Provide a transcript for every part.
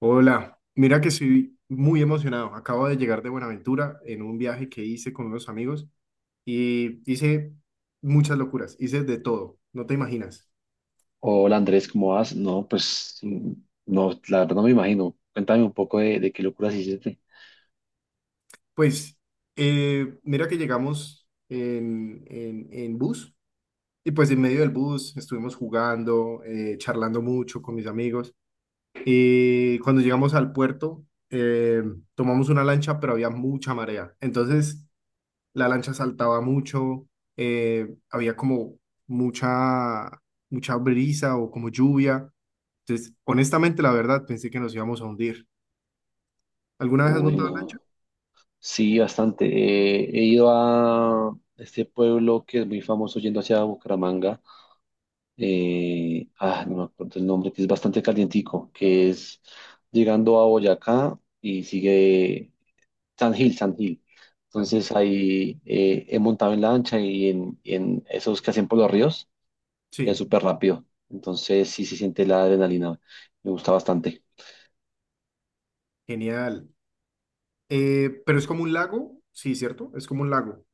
Hola, mira que estoy muy emocionado. Acabo de llegar de Buenaventura en un viaje que hice con unos amigos y hice muchas locuras, hice de todo, no te imaginas. Hola Andrés, ¿cómo vas? No, pues no, la verdad no me imagino. Cuéntame un poco de qué locuras hiciste. Pues mira que llegamos en bus y pues en medio del bus estuvimos jugando, charlando mucho con mis amigos y cuando llegamos al puerto eh, tomamos una lancha pero había mucha marea. Entonces la lancha saltaba mucho, había como mucha, mucha brisa o como lluvia. Entonces, honestamente, la verdad, pensé que nos íbamos a hundir. ¿Alguna vez has Uy, montado lancha? no. Sí, bastante. He ido a este pueblo que es muy famoso yendo hacia Bucaramanga. No me acuerdo el nombre, que es bastante calientico, que es llegando a Boyacá y sigue San Gil, San Gil. Ají. Entonces ahí he montado en lancha y en esos que hacen por los ríos. Es Sí, súper rápido. Entonces sí se siente la adrenalina. Me gusta bastante. genial. Pero es como un lago, sí, ¿cierto? Es como un lago.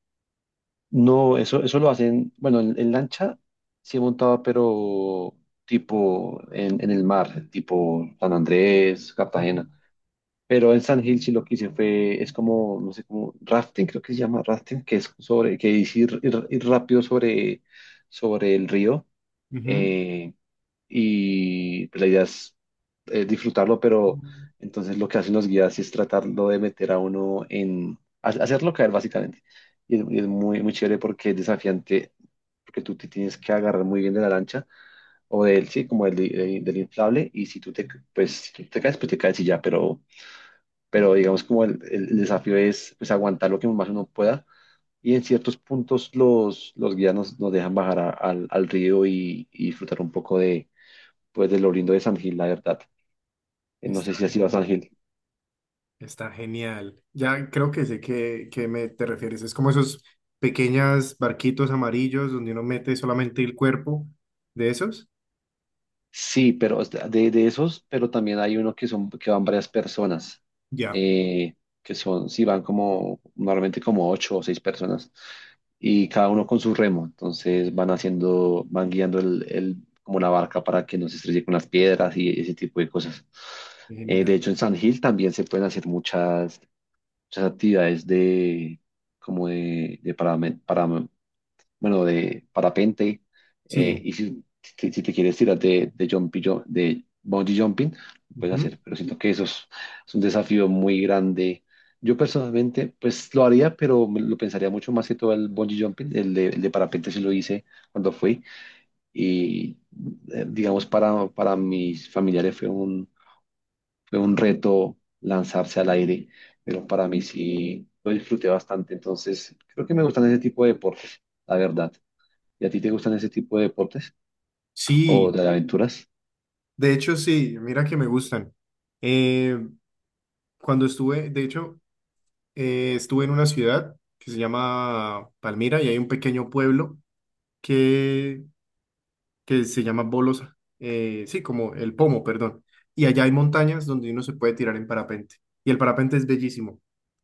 No, eso lo hacen, bueno, en lancha sí he montado, pero tipo en el mar, tipo San Andrés, Ujú. Cartagena. Pero en San Gil sí lo que hice fue, es como, no sé, como rafting, creo que se llama rafting, que es sobre, que es ir rápido sobre el río. Ujú. Eh, y pues, la idea es disfrutarlo, pero entonces lo que hacen los guías es tratarlo de meter a uno hacerlo caer básicamente. Y es muy, muy chévere porque es desafiante, porque tú te tienes que agarrar muy bien de la lancha o del, sí, como del inflable, y si pues, si tú te caes, pues te caes y ya, pero, digamos como el desafío es pues, aguantar lo que más uno pueda. Y en ciertos puntos los guías nos dejan bajar al río y disfrutar un poco pues del oriundo de San Gil, la verdad. No Está sé si has ido a genial. San Gil. Está genial. Ya creo que sé que me te refieres. Es como esos pequeños barquitos amarillos donde uno mete solamente el cuerpo de esos. Sí, pero es de esos, pero también hay uno que son, que van varias personas, Ya, eh, que son, sí, van como, normalmente como ocho o seis personas, y cada uno con su remo, entonces van haciendo, van guiando como la barca para que no se estrelle con las piedras y ese tipo de cosas. De genial. hecho, en San Gil también se pueden hacer muchas, muchas actividades de, como de paramed- bueno, de parapente, Sí, y si te quieres tirar de bungee jumping, lo puedes ujú, hacer, pero siento que eso es un desafío muy grande. Yo personalmente, pues lo haría, pero me lo pensaría mucho más que todo el bungee jumping, el de parapente sí lo hice cuando fui, y digamos para mis familiares fue un, reto lanzarse al aire, pero para mí sí lo disfruté bastante, entonces creo que me gustan ese tipo de deportes, la verdad. ¿Y a ti te gustan ese tipo de deportes o sí, de aventuras? de hecho sí, mira que me gustan. Eh, cuando estuve, de hecho, estuve en una ciudad que se llama Palmira y hay un pequeño pueblo que, que se llama Bolosa, sí, como el Pomo, perdón. Y allá hay montañas donde uno se puede tirar en parapente. Y el parapente es bellísimo,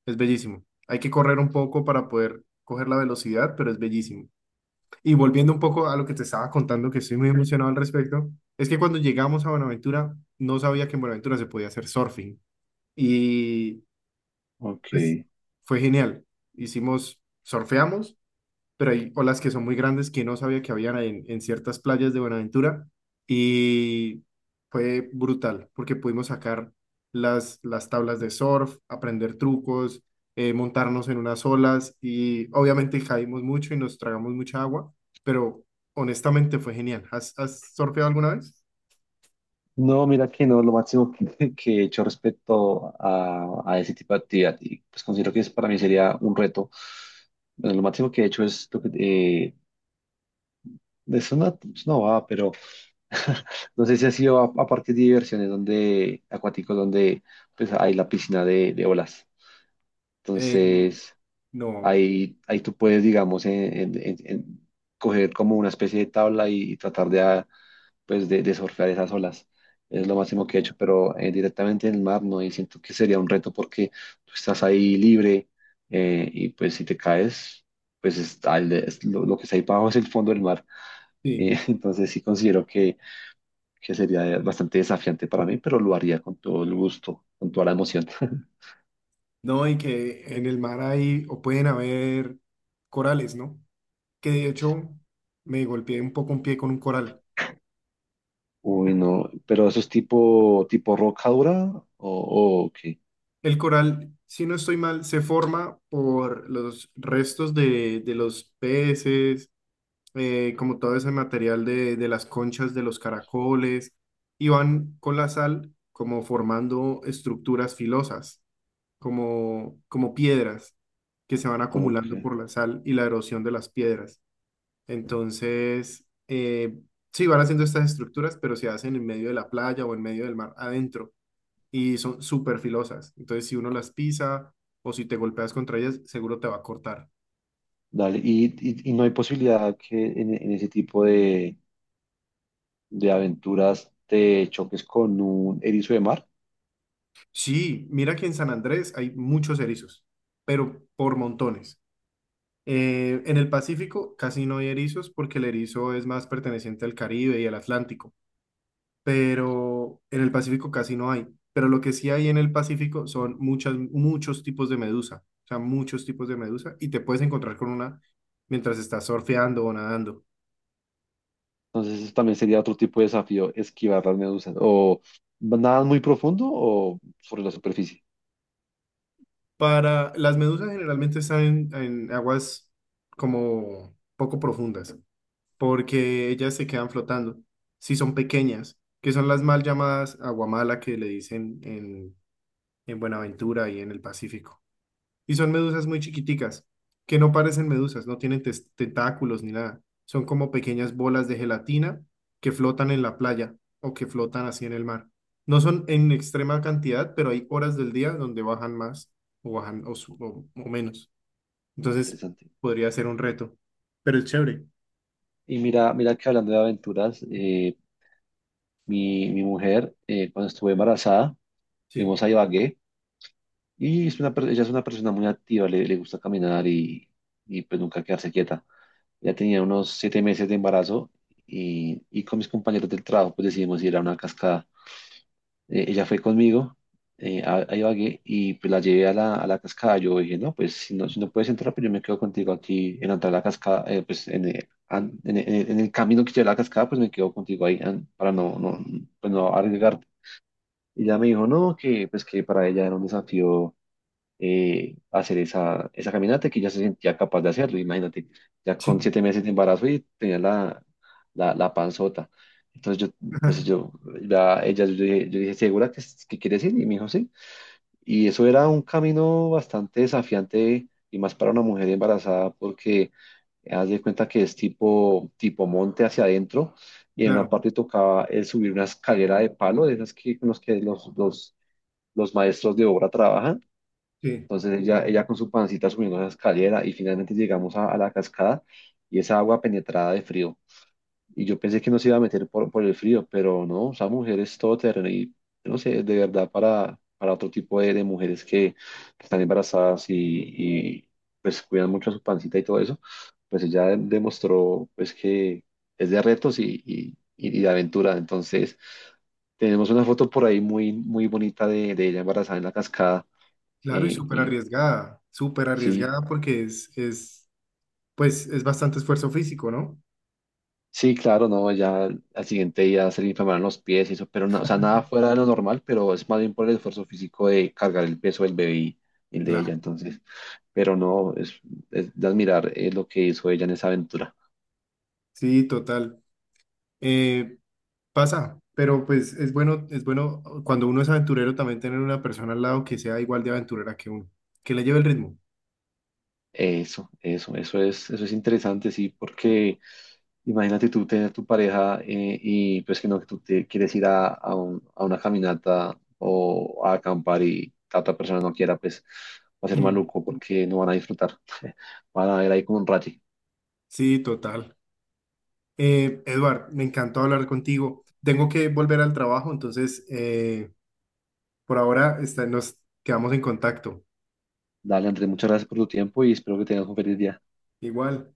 es bellísimo. Hay que correr un poco para poder coger la velocidad, pero es bellísimo. Y volviendo un poco a lo que te estaba contando, que estoy muy emocionado al respecto, es que cuando llegamos a Buenaventura, no sabía que en Buenaventura se podía hacer surfing. Y Ok. pues fue genial. Hicimos, surfeamos pero hay olas que son muy grandes que no sabía que habían en ciertas playas de Buenaventura y fue brutal porque pudimos sacar las tablas de surf, aprender trucos, montarnos en unas olas y obviamente caímos mucho y nos tragamos mucha agua, pero honestamente fue genial. ¿Has surfeado alguna vez? No, mira que no, lo máximo que, que he hecho respecto a ese tipo de actividad, y pues considero que es, para mí sería un reto. Bueno, lo máximo que he hecho es lo que es una, bobada, pero no sé si ha sido a parques de diversiones donde, acuáticos donde pues hay la piscina de olas. Eh, Entonces, no, ahí tú puedes, digamos, en coger como una especie de tabla y tratar pues de surfear esas olas. Es lo máximo que he hecho, pero directamente en el mar no, y siento que sería un reto porque tú estás ahí libre y pues si te caes, pues es lo que está ahí para abajo es el fondo del mar. sí, entonces sí considero que sería bastante desafiante para mí, pero lo haría con todo el gusto, con toda la emoción. no, y que en el mar hay o pueden haber corales, ¿no? Que de hecho me golpeé un poco un pie con un coral. Uy, no, pero eso es tipo roca dura o qué? El coral, si no estoy mal, se forma por los restos de los peces, como todo ese material de las conchas de los caracoles, y van con la sal como formando estructuras filosas, como, como piedras que se van Ok, acumulando por la sal y la erosión de las piedras. Entonces, sí, van haciendo estas estructuras, pero se hacen en medio de la playa o en medio del mar adentro y son súper filosas. Entonces, si uno las pisa o si te golpeas contra ellas, seguro te va a cortar. dale. Y no hay posibilidad que en ese tipo de aventuras, te choques con un erizo de mar. Sí, mira que en San Andrés hay muchos erizos, pero por montones. En el Pacífico casi no hay erizos porque el erizo es más perteneciente al Caribe y al Atlántico, pero en el Pacífico casi no hay. Pero lo que sí hay en el Pacífico son muchas, muchos tipos de medusa, o sea, muchos tipos de medusa y te puedes encontrar con una mientras estás surfeando o nadando. Entonces, eso también sería otro tipo de desafío, esquivar las medusas. O nada muy profundo o sobre la superficie. Para las medusas generalmente están en aguas como poco profundas, porque ellas se quedan flotando. Si son pequeñas, que son las mal llamadas aguamala que le dicen en Buenaventura y en el Pacífico. Y son medusas muy chiquiticas, que no parecen medusas, no tienen tentáculos ni nada. Son como pequeñas bolas de gelatina que flotan en la playa o que flotan así en el mar. No son en extrema cantidad, pero hay horas del día donde bajan más o bajan o o menos. Entonces Interesante. podría ser un reto, pero es chévere. Y mira, mira que hablando de aventuras, mi mujer, cuando estuve embarazada, Sí, fuimos a Ibagué y es ella es una persona muy activa, le gusta caminar y pues nunca quedarse quieta. Ya tenía unos 7 meses de embarazo y con mis compañeros del trabajo pues decidimos ir a una cascada. Ella fue conmigo a Ibagué y pues la llevé a la cascada. Yo dije, no, pues si no puedes entrar, pues yo me quedo contigo aquí en la entrada de la cascada, pues en, an- en el camino que lleva a la cascada, pues me quedo contigo ahí para no, no, pues no arriesgarte. Y ella me dijo, no, que pues que para ella era un desafío hacer esa, caminata que ya se sentía capaz de hacerlo. Imagínate, ya con sí, 7 meses de embarazo y tenía la, panzota. Entonces yo, pues yo, la- ella, yo dije, ¿segura que quieres ir? Y me dijo, sí. Y eso era un camino bastante desafiante y más para una mujer embarazada porque haz de cuenta que es tipo monte hacia adentro y en una claro, parte tocaba el subir una escalera de palo, de esas con los que los maestros de obra trabajan, sí, entonces ella con su pancita subiendo esa escalera y finalmente llegamos a la cascada y esa agua penetrada de frío. Y yo pensé que nos iba a meter por el frío, pero no, esa mujer es todoterreno y yo no sé, de verdad para otro tipo de mujeres que están embarazadas pues cuidan mucho a su pancita y todo eso, pues ella demostró pues que es de retos y de aventura. Entonces tenemos una foto por ahí muy, muy bonita de ella embarazada en la cascada claro y y súper sí, arriesgada porque es, pues es bastante esfuerzo físico, ¿no? sí, claro, no, ya al siguiente día se le inflamaron los pies y eso, pero no, o sea, nada fuera de lo normal, pero es más bien por el esfuerzo físico de cargar el peso del bebé y el de ella, Claro, entonces, pero no, es, de admirar lo que hizo ella en esa aventura. sí, total. Eh, pasa, pero pues es bueno cuando uno es aventurero también tener una persona al lado que sea igual de aventurera que uno, que le lleve el ritmo. Eso, eso es interesante, sí, porque imagínate tú tener tu pareja y pues que no, que tú te quieres ir a una caminata o a acampar y la otra persona no quiera, pues va a ser Mm, maluco porque no van a disfrutar. Van a ir ahí como un rayo. sí, total. Edward, me encantó hablar contigo. Tengo que volver al trabajo, entonces por ahora nos quedamos en contacto. Dale, Andrés, muchas gracias por tu tiempo y espero que tengas un feliz día. Igual.